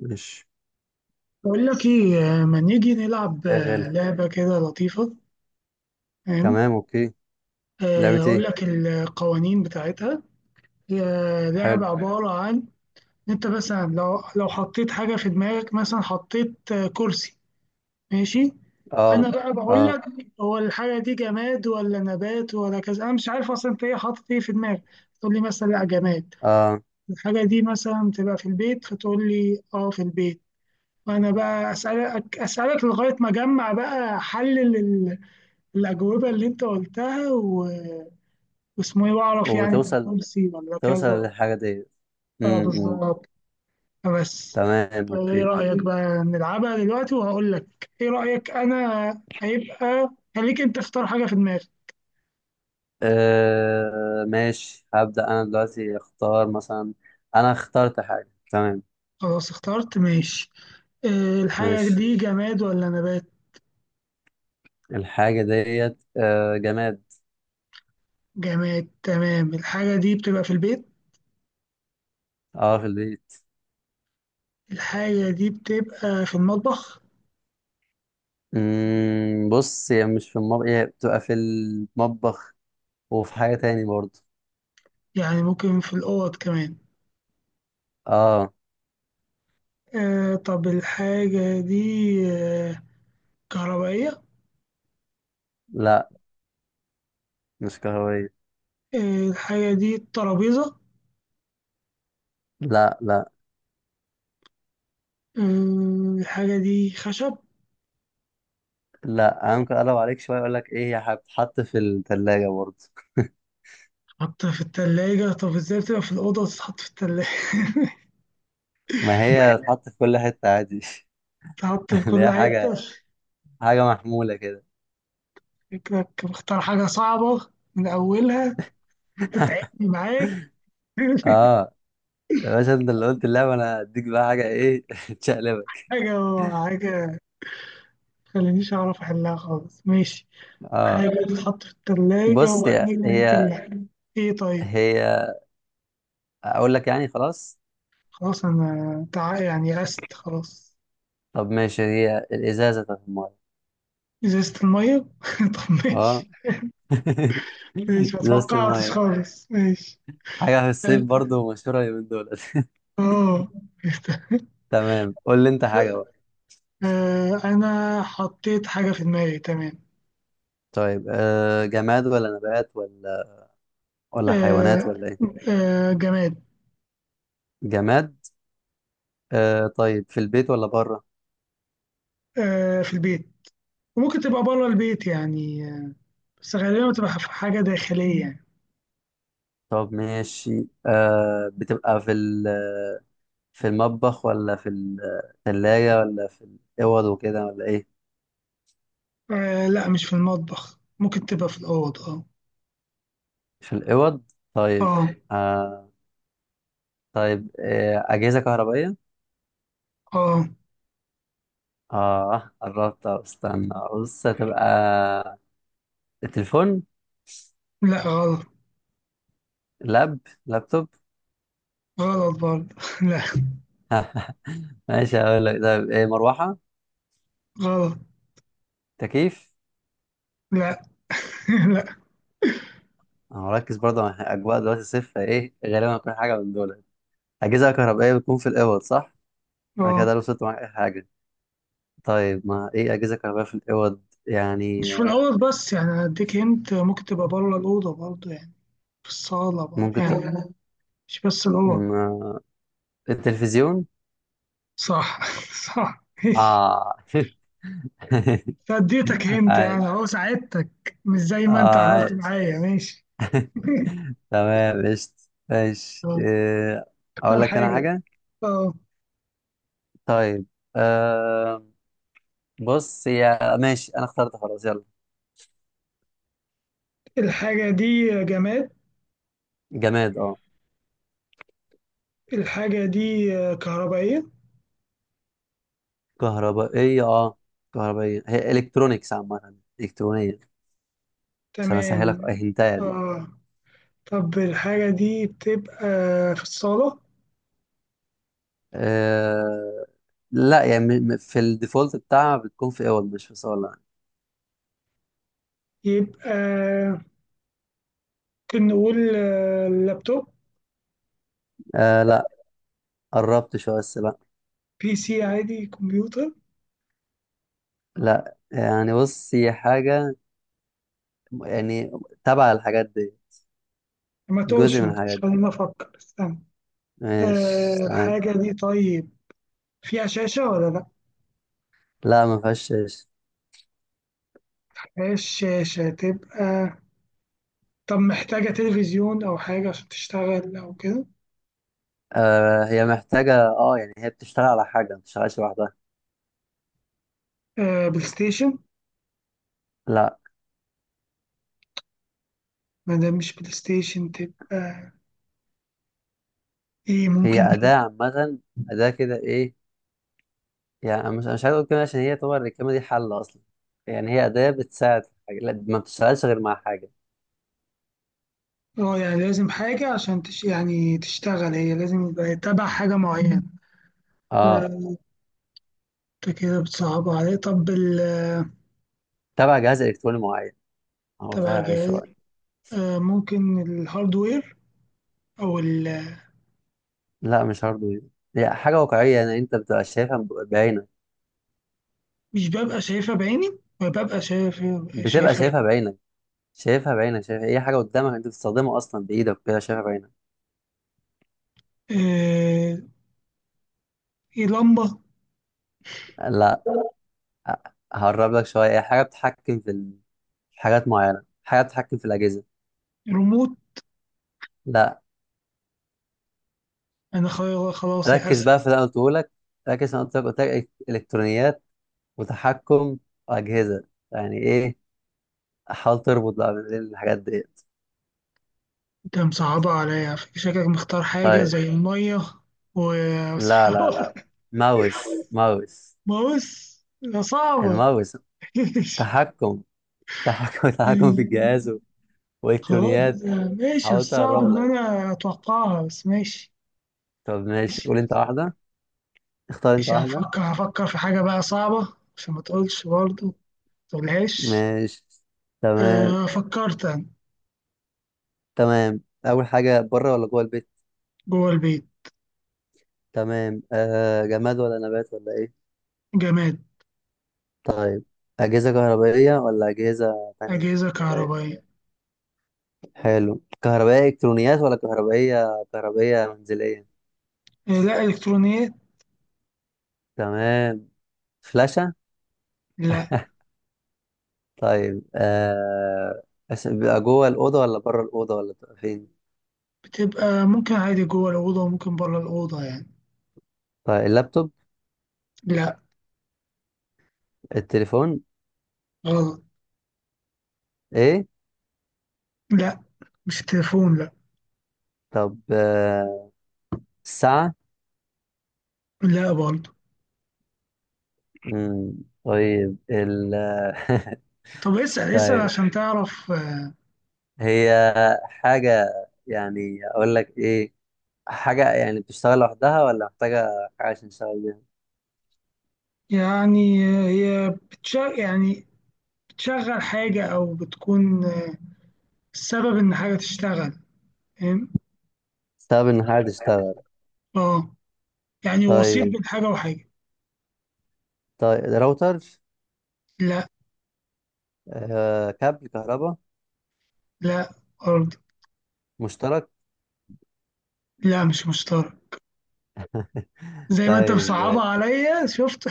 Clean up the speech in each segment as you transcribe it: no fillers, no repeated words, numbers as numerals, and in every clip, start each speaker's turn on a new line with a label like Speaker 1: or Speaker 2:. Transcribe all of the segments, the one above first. Speaker 1: مش
Speaker 2: بقول لك ايه ما نيجي نلعب
Speaker 1: شغال.
Speaker 2: لعبة كده لطيفة. فاهم؟
Speaker 1: تمام، اوكي. لعبة
Speaker 2: اقول
Speaker 1: ايه؟
Speaker 2: لك القوانين بتاعتها. هي لعبة
Speaker 1: حلو.
Speaker 2: عبارة عن إن انت مثلا لو حطيت حاجة في دماغك، مثلا حطيت كرسي. ماشي،
Speaker 1: اه،
Speaker 2: انا بقى بقول
Speaker 1: اه،
Speaker 2: لك هو الحاجة دي جماد ولا نبات ولا كذا، انا مش عارف اصلا انت ايه حاطط ايه في دماغك. تقول لي مثلا لا جماد،
Speaker 1: اه.
Speaker 2: الحاجة دي مثلا تبقى في البيت، فتقول لي اه في البيت. وانا بقى اسالك لغاية ما اجمع بقى حل الأجوبة اللي أنت قلتها واسمه إيه وأعرف يعني ده
Speaker 1: وتوصل
Speaker 2: كرسي ولا
Speaker 1: توصل
Speaker 2: كذا.
Speaker 1: للحاجة دي.
Speaker 2: أه
Speaker 1: امم
Speaker 2: بالظبط. بس.
Speaker 1: تمام،
Speaker 2: طب إيه
Speaker 1: اوكي.
Speaker 2: رأيك بقى نلعبها دلوقتي وهقول لك إيه رأيك. أنا هيبقى، خليك أنت اختار حاجة في دماغك.
Speaker 1: آه ماشي، هبدأ انا دلوقتي اختار مثلا. انا اخترت حاجة، تمام.
Speaker 2: خلاص اخترت ماشي. الحاجة
Speaker 1: ماشي.
Speaker 2: دي جماد ولا نبات؟
Speaker 1: الحاجة ديت جماد.
Speaker 2: جماد تمام. الحاجة دي بتبقى في البيت.
Speaker 1: اه، في البيت.
Speaker 2: الحاجة دي بتبقى في المطبخ.
Speaker 1: بص، هي مش في المطبخ، هي بتبقى في المطبخ وفي حاجة تاني برضه.
Speaker 2: يعني ممكن في الأوض كمان.
Speaker 1: اه.
Speaker 2: آه، طب الحاجة دي آه كهربائية؟
Speaker 1: لا، مش كهربائية.
Speaker 2: آه، الحاجة دي ترابيزة؟
Speaker 1: لا، لا،
Speaker 2: الحاجة دي خشب؟
Speaker 1: لا، ممكن اقلب عليك شويه اقول لك ايه، هي هتتحط في الثلاجه برضه.
Speaker 2: تتحط في التلاجة؟ طب ازاي بتبقى في الأوضة وتتحط في التلاجة؟
Speaker 1: ما هي هتتحط في كل حته عادي.
Speaker 2: تتحط في
Speaker 1: اللي
Speaker 2: كل
Speaker 1: هي حاجه،
Speaker 2: حتة؟
Speaker 1: حاجه محموله كده.
Speaker 2: شكلك مختار حاجة صعبة من أولها، تتعبني معاك.
Speaker 1: اه يا باشا، انت اللي قلت اللعبه، انا هديك بقى حاجه ايه تشقلبك.
Speaker 2: حاجة حاجة مخلينيش أعرف أحلها خالص، ماشي.
Speaker 1: اه،
Speaker 2: حاجة تتحط في التلاجة
Speaker 1: بص، هي
Speaker 2: وأكيد ممكن
Speaker 1: هي
Speaker 2: لأ. إيه طيب.
Speaker 1: هي اقول لك يعني خلاص.
Speaker 2: خلاص، يعني يأست خلاص.
Speaker 1: طب ماشي، هي الازازه بتاعت الميه.
Speaker 2: إزازة المية؟ طب
Speaker 1: اه.
Speaker 2: ماشي. ماشي، ما
Speaker 1: ازازه
Speaker 2: توقعتش
Speaker 1: الميه،
Speaker 2: خالص، ماشي.
Speaker 1: حاجه في الصيف برضه مشهوره اليومين دول.
Speaker 2: اه.
Speaker 1: تمام، قول لي انت حاجه بقى.
Speaker 2: انا حطيت حاجة في دماغي تمام.
Speaker 1: طيب، آه، جماد ولا نبات ولا، ولا حيوانات
Speaker 2: آه،
Speaker 1: ولا ايه؟
Speaker 2: جماد.
Speaker 1: جماد. آه طيب، في البيت ولا بره؟
Speaker 2: في البيت، وممكن تبقى بره البيت يعني، بس غالبا بتبقى في حاجة داخلية يعني.
Speaker 1: طب ماشي، آه بتبقى في في المطبخ ولا في الثلاجة ولا في الأوض وكده ولا ايه؟
Speaker 2: لا مش في المطبخ، ممكن تبقى في الأوض، اه.
Speaker 1: في الأوض، طيب.
Speaker 2: اه.
Speaker 1: آه، طيب، آه أجهزة كهربائية.
Speaker 2: اه.
Speaker 1: اه قربت أهو، استنى بص هتبقى تليفون.
Speaker 2: لا غلط.
Speaker 1: لاب لابتوب.
Speaker 2: غلط برضه. لا
Speaker 1: ماشي هقول لك، طيب ايه، مروحة،
Speaker 2: غلط.
Speaker 1: تكييف.
Speaker 2: لا. لا.
Speaker 1: انا مركز برضه مع اجواء دلوقتي صفر، ايه غالبا هتكون حاجه من دول. أجهزة كهربائية بتكون في الأوض صح؟ أنا
Speaker 2: اه.
Speaker 1: كده لو وصلت معاك أي حاجة. طيب، ما إيه أجهزة كهربائية في الأوض يعني؟
Speaker 2: مش في الأوض بس يعني، أديك هنت، ممكن تبقى بره الأوضة برضه يعني، في الصالة برضه
Speaker 1: ممكن ت...
Speaker 2: يعني. مش بس اللي هو.
Speaker 1: ما... التلفزيون؟
Speaker 2: صح. صح ماشي.
Speaker 1: آه.
Speaker 2: فاديتك هنت يعني
Speaker 1: عاش،
Speaker 2: اهو، ساعدتك مش زي
Speaker 1: آه
Speaker 2: ما انت عملت
Speaker 1: عاش.
Speaker 2: معايا، ماشي.
Speaker 1: تمام، قشطة. ماشي،
Speaker 2: طب
Speaker 1: إيه، أقول
Speaker 2: اختار
Speaker 1: لك أنا
Speaker 2: حاجة.
Speaker 1: حاجة؟
Speaker 2: اه.
Speaker 1: طيب، آه، بص يا ماشي، أنا اخترت خلاص، يلا.
Speaker 2: الحاجة دي جماد.
Speaker 1: جماد، أه.
Speaker 2: الحاجة دي كهربائية.
Speaker 1: كهربائية، أه. كهربائية، هي إلكترونيكس عامة، إلكترونية. عشان أسهلك
Speaker 2: تمام.
Speaker 1: أهنتايا.
Speaker 2: اه. طب الحاجة دي بتبقى في الصالة.
Speaker 1: آه لا، يعني في الديفولت بتاعها بتكون في اول، مش في صالة يعني.
Speaker 2: يبقى ممكن نقول لابتوب؟
Speaker 1: آه لا، قربت شوية بس لا.
Speaker 2: بي سي عادي؟ كمبيوتر؟
Speaker 1: لا يعني، بص هي حاجة يعني تبع الحاجات دي،
Speaker 2: ما
Speaker 1: جزء
Speaker 2: تقولش،
Speaker 1: من
Speaker 2: ما تقولش،
Speaker 1: الحاجات دي.
Speaker 2: خليني افكر، استنى. آه
Speaker 1: ماشي، تمام.
Speaker 2: الحاجة دي طيب فيها شاشة ولا لأ؟
Speaker 1: لا ما فيهاش إيش.
Speaker 2: مفيهاش شاشة تبقى. طب محتاجة تلفزيون أو حاجة عشان تشتغل أو كده؟
Speaker 1: آه هي محتاجة، اه يعني هي بتشتغل على حاجة، ما بتشتغلش لوحدها.
Speaker 2: آه بلاي ستيشن؟
Speaker 1: لا،
Speaker 2: ما دام مش بلاي ستيشن تبقى إيه؟
Speaker 1: هي
Speaker 2: ممكن تبقى.
Speaker 1: أداة عامة، أداة كده ايه، يعني أنا مش، أنا مش عايز أقول كده عشان هي طبعا الكلمة دي حل أصلا. يعني هي أداة بتساعد في حاجة، لا ما بتشتغلش غير مع حاجة.
Speaker 2: اه يعني لازم حاجة يعني تشتغل هي، لازم يبقى تبع حاجة معينة.
Speaker 1: اه،
Speaker 2: آه، أنت كده بتصعب عليه. طب ال
Speaker 1: تبع جهاز الكتروني معين. هو سهل
Speaker 2: تبع
Speaker 1: عليك
Speaker 2: جهاز.
Speaker 1: شويه.
Speaker 2: آه ممكن الهاردوير، أو ال...
Speaker 1: لا مش هارد، هي حاجه واقعيه يعني انت بتبقى شايفها بعينك.
Speaker 2: مش ببقى شايفها بعيني، ببقى شايف،
Speaker 1: بتبقى
Speaker 2: شايفها
Speaker 1: شايفها
Speaker 2: بعيني.
Speaker 1: بعينك، شايفها بعينك، شايفها اي حاجه قدامك انت بتستخدمها اصلا بايدك كده، شايفها بعينك.
Speaker 2: آه، في لمبة؟
Speaker 1: لا، هقرب لك شويه، هي حاجه بتتحكم في حاجات معينه، حاجه بتتحكم في الاجهزه.
Speaker 2: ريموت؟
Speaker 1: لا،
Speaker 2: أنا خلاص
Speaker 1: ركز بقى في
Speaker 2: يأست.
Speaker 1: اللي انا قلته لك، ركز في اللي انا قلت لك الكترونيات وتحكم اجهزه، يعني ايه، حاول تربط بقى بين الحاجات ديت.
Speaker 2: أنت مصعبة عليا، شكلك مختار حاجة
Speaker 1: طيب،
Speaker 2: زي المية
Speaker 1: لا، لا، لا،
Speaker 2: وصعبة.
Speaker 1: ماوس.
Speaker 2: بص ده صعبة.
Speaker 1: الماوس، تحكم، تحكم، تحكم في الجهاز
Speaker 2: خلاص
Speaker 1: والكترونيات.
Speaker 2: ماشي،
Speaker 1: حاولت
Speaker 2: الصعب
Speaker 1: اقرب
Speaker 2: إن
Speaker 1: لك.
Speaker 2: أنا أتوقعها بس، ماشي.
Speaker 1: طب ماشي،
Speaker 2: ماشي.
Speaker 1: قول انت واحده، اختار انت
Speaker 2: ماشي،
Speaker 1: واحده.
Speaker 2: هفكر، هفكر في حاجة بقى صعبة عشان ما تقولش برضه، ما تقولهاش.
Speaker 1: ماشي، تمام.
Speaker 2: فكرت أنا.
Speaker 1: تمام، اول حاجه، بره ولا جوه البيت؟
Speaker 2: جوه البيت.
Speaker 1: تمام، آه جماد ولا نبات ولا ايه؟
Speaker 2: جماد.
Speaker 1: طيب، اجهزه كهربائيه ولا اجهزه تانية؟
Speaker 2: أجهزة
Speaker 1: طيب،
Speaker 2: كهربائية.
Speaker 1: حلو، كهربائيه الكترونيات ولا كهربائيه، كهربائيه منزليه؟
Speaker 2: لا إلكترونيات.
Speaker 1: تمام، فلاشه.
Speaker 2: لا.
Speaker 1: طيب آه، بيبقى جوه الأوضة ولا بره الأوضة ولا بتبقى فين؟
Speaker 2: بتبقى ممكن عادي جوه الأوضة وممكن بره الأوضة يعني.
Speaker 1: طيب، اللابتوب.
Speaker 2: لا
Speaker 1: التليفون.
Speaker 2: غلط.
Speaker 1: ايه.
Speaker 2: لا مش تليفون لا.
Speaker 1: طب آه، الساعة.
Speaker 2: لا برضه.
Speaker 1: مم، طيب ال،
Speaker 2: طب اسأل، اسأل
Speaker 1: طيب
Speaker 2: عشان تعرف
Speaker 1: هي حاجة، يعني اقول لك ايه، حاجة يعني بتشتغل لوحدها ولا محتاجة حاجة عشان تشتغل بيها؟
Speaker 2: يعني. هي بتشغل يعني، بتشغل حاجة أو بتكون السبب إن حاجة تشتغل، فاهم؟
Speaker 1: بتستخدم ان حاجة تشتغل.
Speaker 2: اه يعني وسيط
Speaker 1: طيب،
Speaker 2: بين حاجة وحاجة.
Speaker 1: طيب، راوتر.
Speaker 2: لا.
Speaker 1: آه، كابل كهرباء.
Speaker 2: لا برضه.
Speaker 1: مشترك.
Speaker 2: لا مش مشترك. زي ما أنت
Speaker 1: طيب
Speaker 2: مصعبها عليا شفت.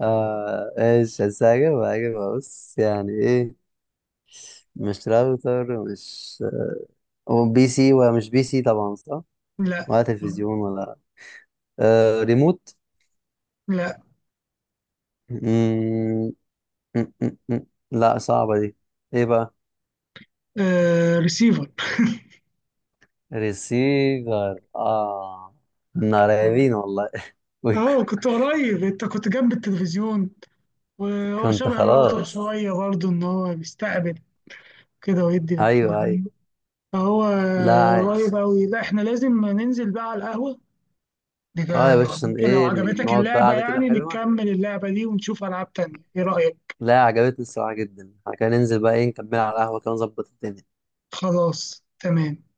Speaker 1: اه ايش، بس هجيب بص يعني ايه، مش راوتر، مش، هو بي سي، ومش بي سي طبعا صح.
Speaker 2: لا.
Speaker 1: ولا تلفزيون ولا، آه ريموت.
Speaker 2: لا.
Speaker 1: مم، لا صعبة دي. ايه بقى؟
Speaker 2: آه ريسيفر.
Speaker 1: ريسيفر، اه، كنا قريبين والله. وك-
Speaker 2: اه كنت قريب، انت كنت جنب التلفزيون، وهو
Speaker 1: كنت
Speaker 2: شبه الراوتر
Speaker 1: خلاص.
Speaker 2: شوية برضه ان هو بيستقبل كده ويدي
Speaker 1: ايوه، ايوه.
Speaker 2: للتلفزيون، فهو
Speaker 1: لا
Speaker 2: قريب
Speaker 1: عايش.
Speaker 2: اوي. لا احنا لازم ننزل بقى على القهوة.
Speaker 1: اه يا باشا، عشان
Speaker 2: يمكن لو
Speaker 1: ايه
Speaker 2: عجبتك
Speaker 1: نقعد بقى
Speaker 2: اللعبة
Speaker 1: قعدة كده
Speaker 2: يعني
Speaker 1: حلوة.
Speaker 2: نكمل اللعبة دي ونشوف ألعاب تانية، ايه رأيك؟
Speaker 1: لا عجبتني الصراحة جدا، احنا كده ننزل بقى ايه، نكمل على القهوة كده، نظبط الدنيا.
Speaker 2: خلاص تمام.